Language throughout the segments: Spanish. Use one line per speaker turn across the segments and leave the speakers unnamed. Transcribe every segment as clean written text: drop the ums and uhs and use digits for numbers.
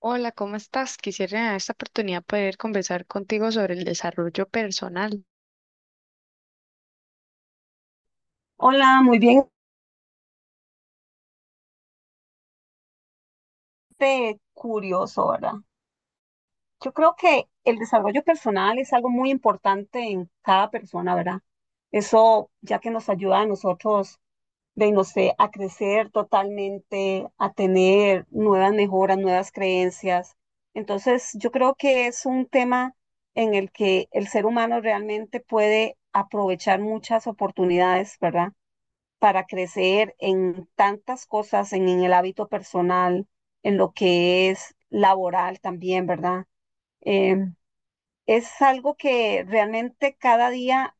Hola, ¿cómo estás? Quisiera en esta oportunidad poder conversar contigo sobre el desarrollo personal.
Hola, muy bien, curioso, ¿verdad? Yo creo que el desarrollo personal es algo muy importante en cada persona, ¿verdad? Eso ya que nos ayuda a nosotros, de no sé, a crecer totalmente, a tener nuevas mejoras, nuevas creencias. Entonces, yo creo que es un tema en el que el ser humano realmente puede aprovechar muchas oportunidades, ¿verdad? Para crecer en tantas cosas, en el hábito personal, en lo que es laboral también, ¿verdad? Eh, es algo que realmente cada día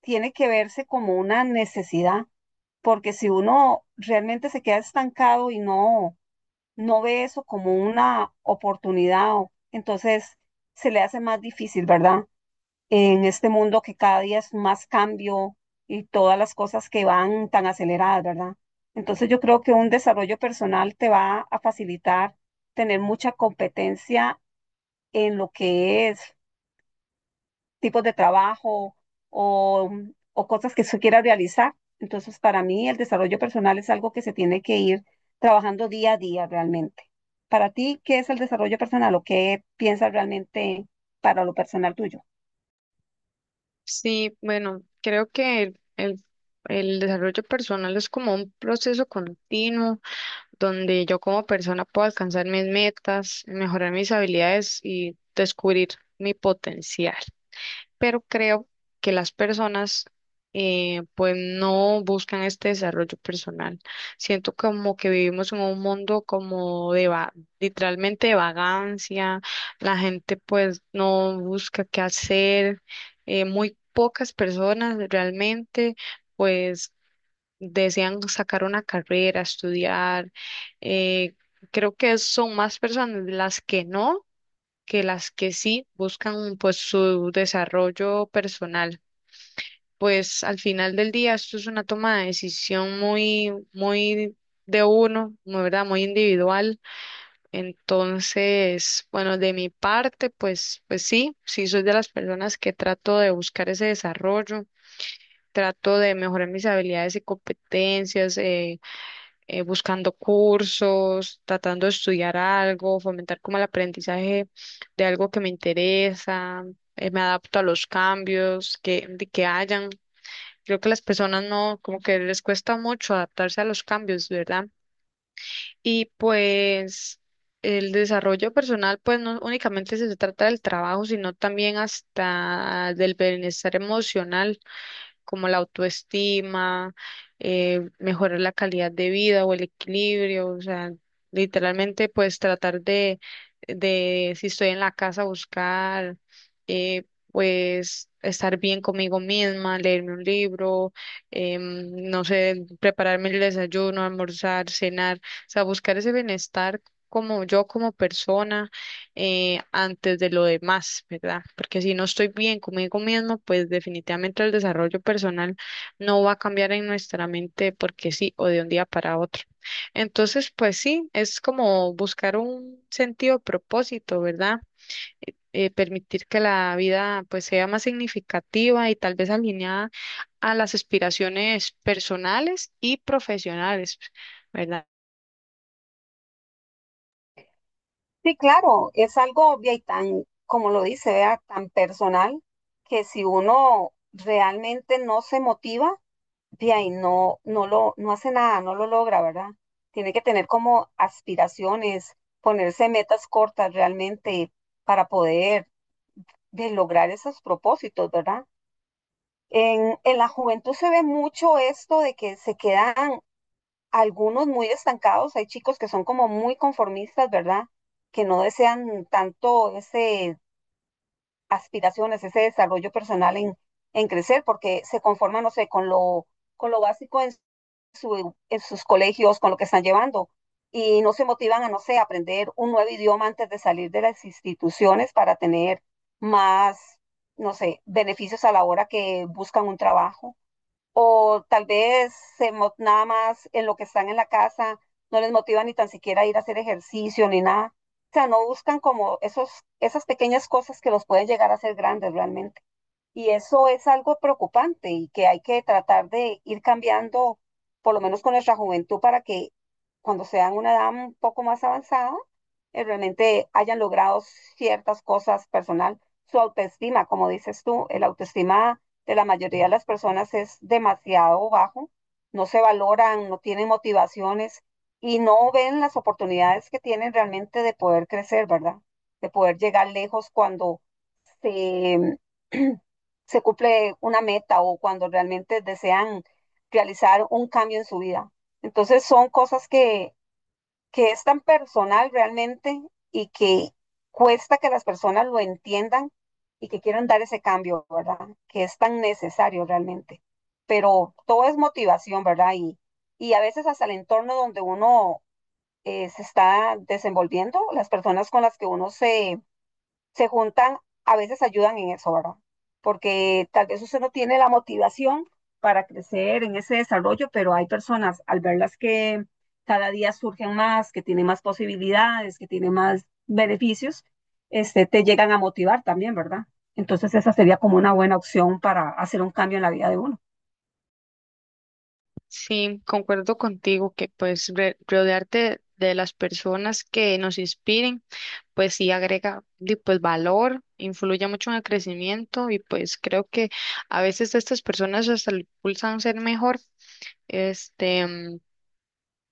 tiene que verse como una necesidad, porque si uno realmente se queda estancado y no ve eso como una oportunidad, entonces se le hace más difícil, ¿verdad? En este mundo que cada día es más cambio y todas las cosas que van tan aceleradas, ¿verdad? Entonces yo creo que un desarrollo personal te va a facilitar tener mucha competencia en lo que es tipos de trabajo o, o cosas que se quiera realizar. Entonces para mí el desarrollo personal es algo que se tiene que ir trabajando día a día realmente. Para ti, ¿qué es el desarrollo personal o qué piensas realmente para lo personal tuyo?
Sí, bueno, creo que el desarrollo personal es como un proceso continuo donde yo como persona puedo alcanzar mis metas, mejorar mis habilidades y descubrir mi potencial. Pero creo que las personas pues no buscan este desarrollo personal. Siento como que vivimos en un mundo como literalmente de vagancia, la gente pues no busca qué hacer. Eh, muy pocas personas realmente pues desean sacar una carrera, estudiar. Eh, creo que son más personas las que no que las que sí buscan pues su desarrollo personal. Pues al final del día esto es una toma de decisión muy, muy de uno, muy, ¿verdad? Muy individual. Entonces, bueno, de mi parte, pues, pues sí, sí soy de las personas que trato de buscar ese desarrollo, trato de mejorar mis habilidades y competencias, buscando cursos, tratando de estudiar algo, fomentar como el aprendizaje de algo que me interesa. Eh, me adapto a los cambios que, de que hayan. Creo que las personas no, como que les cuesta mucho adaptarse a los cambios, ¿verdad? Y pues el desarrollo personal, pues no únicamente se trata del trabajo, sino también hasta del bienestar emocional como la autoestima. Eh, mejorar la calidad de vida o el equilibrio, o sea, literalmente pues tratar de si estoy en la casa, buscar, eh, pues estar bien conmigo misma, leerme un libro. No sé, prepararme el desayuno, almorzar, cenar, o sea, buscar ese bienestar como yo como persona, antes de lo demás, ¿verdad? Porque si no estoy bien conmigo mismo, pues definitivamente el desarrollo personal no va a cambiar en nuestra mente porque sí, o de un día para otro. Entonces, pues sí, es como buscar un sentido, propósito, ¿verdad? Permitir que la vida pues sea más significativa y tal vez alineada a las aspiraciones personales y profesionales, verdad.
Sí, claro, es algo obvio y tan, como lo dice, vea, tan personal que si uno realmente no se motiva, vea y no hace nada, no lo logra, ¿verdad? Tiene que tener como aspiraciones, ponerse metas cortas realmente para poder de lograr esos propósitos, ¿verdad? En la juventud se ve mucho esto de que se quedan algunos muy estancados, hay chicos que son como muy conformistas, ¿verdad? Que no desean tanto ese aspiraciones, ese desarrollo personal en crecer, porque se conforman, no sé, con lo básico en, su, en sus colegios, con lo que están llevando, y no se motivan a, no sé, aprender un nuevo idioma antes de salir de las instituciones para tener más, no sé, beneficios a la hora que buscan un trabajo o tal vez nada más en lo que están en la casa no les motiva ni tan siquiera a ir a hacer ejercicio ni nada. O sea, no buscan como esos, esas pequeñas cosas que los pueden llegar a hacer grandes realmente. Y eso es algo preocupante y que hay que tratar de ir cambiando, por lo menos con nuestra juventud, para que cuando sean una edad un poco más avanzada, realmente hayan logrado ciertas cosas personal. Su autoestima, como dices tú, el autoestima de la mayoría de las personas es demasiado bajo, no se valoran, no tienen motivaciones y no ven las oportunidades que tienen realmente de poder crecer, ¿verdad? De poder llegar lejos cuando se, se cumple una meta o cuando realmente desean realizar un cambio en su vida. Entonces son cosas que es tan personal realmente y que cuesta que las personas lo entiendan y que quieran dar ese cambio, ¿verdad? Que es tan necesario realmente. Pero todo es motivación, ¿verdad? Y a veces hasta el entorno donde uno se está desenvolviendo, las personas con las que uno se juntan, a veces ayudan en eso, ¿verdad? Porque tal vez usted no tiene la motivación para crecer en ese desarrollo, pero hay personas al verlas que cada día surgen más, que tienen más posibilidades, que tienen más beneficios, te llegan a motivar también, ¿verdad? Entonces esa sería como una buena opción para hacer un cambio en la vida de uno.
Sí, concuerdo contigo que pues rodearte de las personas que nos inspiren, pues sí agrega di, pues valor, influye mucho en el crecimiento y pues creo que a veces estas personas hasta lo impulsan a ser mejor. Este,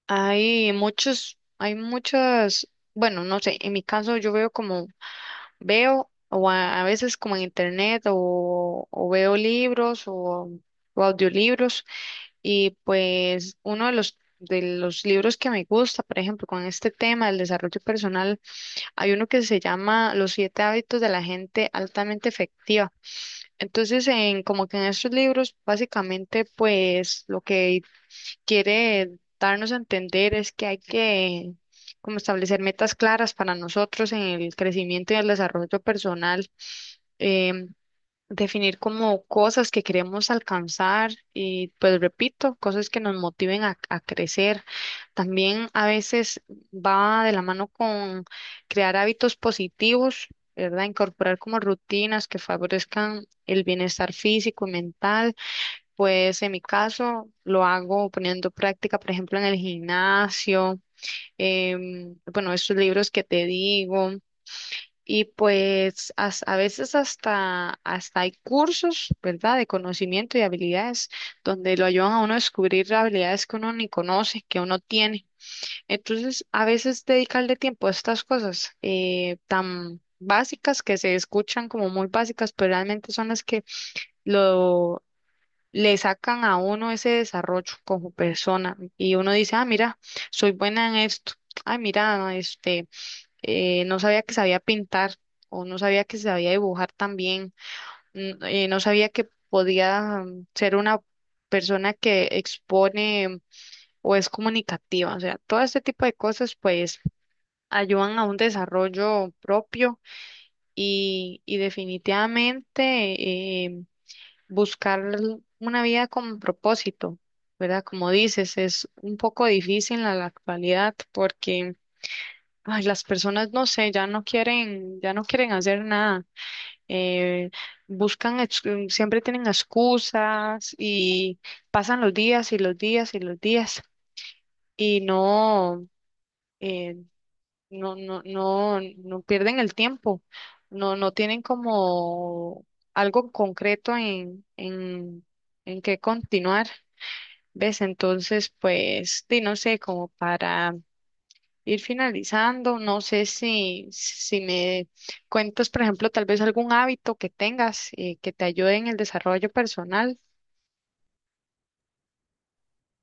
hay muchos, hay muchas, bueno, no sé, en mi caso yo veo, o a veces como en internet, o veo libros o audiolibros. Y pues uno de los libros que me gusta, por ejemplo, con este tema del desarrollo personal, hay uno que se llama Los siete hábitos de la gente altamente efectiva. Entonces, en, como que en estos libros, básicamente, pues lo que quiere darnos a entender es que hay que como establecer metas claras para nosotros en el crecimiento y el desarrollo personal. em, Definir como cosas que queremos alcanzar y pues repito, cosas que nos motiven a crecer. También a veces va de la mano con crear hábitos positivos, ¿verdad? Incorporar como rutinas que favorezcan el bienestar físico y mental. Pues en mi caso lo hago poniendo práctica, por ejemplo, en el gimnasio. Bueno, estos libros que te digo. Y pues a veces hasta, hasta hay cursos, ¿verdad?, de conocimiento y habilidades donde lo ayudan a uno a descubrir habilidades que uno ni conoce, que uno tiene. Entonces, a veces dedicarle tiempo a estas cosas tan básicas que se escuchan como muy básicas, pero realmente son las que lo, le sacan a uno ese desarrollo como persona. Y uno dice, ah, mira, soy buena en esto. Ay, mira, este, no sabía que sabía pintar o no sabía que sabía dibujar también. No sabía que podía, ser una persona que expone o es comunicativa, o sea, todo este tipo de cosas pues ayudan a un desarrollo propio. Y, y definitivamente eh, buscar una vida con propósito, ¿verdad? Como dices, es un poco difícil en la actualidad porque, ay, las personas, no sé, ya no quieren hacer nada. Eh, Buscan, siempre tienen excusas y pasan los días y los días y los días y no, eh, no, no pierden el tiempo. No, no tienen como algo concreto en qué continuar. ¿Ves? Entonces, pues, di, no sé, como para ir finalizando. No sé si me cuentas, por ejemplo, tal vez algún hábito que tengas que te ayude en el desarrollo personal.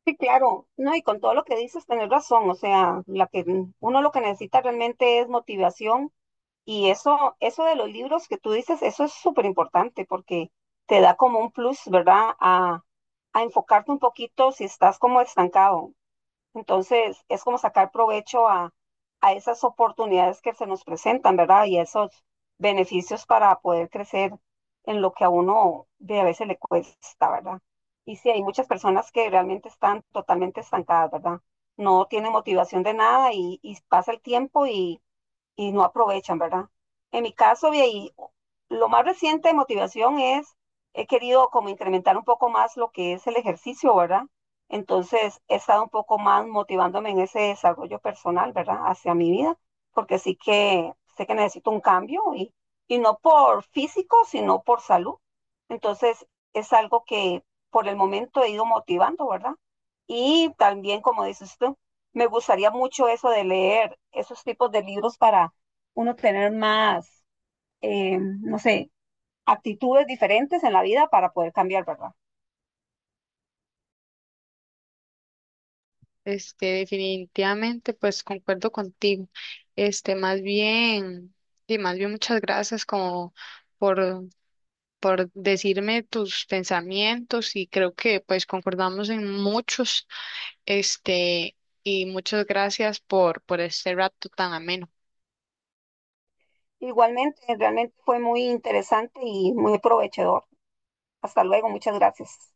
Sí, claro, no, y con todo lo que dices, tenés razón, o sea, la que uno lo que necesita realmente es motivación. Y eso de los libros que tú dices, eso es súper importante porque te da como un plus, ¿verdad? A enfocarte un poquito si estás como estancado. Entonces, es como sacar provecho a esas oportunidades que se nos presentan, ¿verdad? Y a esos beneficios para poder crecer en lo que a uno de a veces le cuesta, ¿verdad? Y sí, hay muchas personas que realmente están totalmente estancadas, ¿verdad? No tienen motivación de nada y pasa el tiempo y no aprovechan, ¿verdad? En mi caso, de ahí, lo más reciente de motivación es, he querido como incrementar un poco más lo que es el ejercicio, ¿verdad? Entonces, he estado un poco más motivándome en ese desarrollo personal, ¿verdad? Hacia mi vida, porque sí que sé que necesito un cambio y no por físico, sino por salud. Entonces, es algo que por el momento he ido motivando, ¿verdad? Y también, como dice usted, me gustaría mucho eso de leer esos tipos de libros para uno tener más, no sé, actitudes diferentes en la vida para poder cambiar, ¿verdad?
Este, definitivamente, pues concuerdo contigo. Este, más bien, y más bien muchas gracias como por, por decirme tus pensamientos y creo que pues concordamos en muchos, este, y muchas gracias por este rato tan ameno.
Igualmente, realmente fue muy interesante y muy aprovechador. Hasta luego, muchas gracias.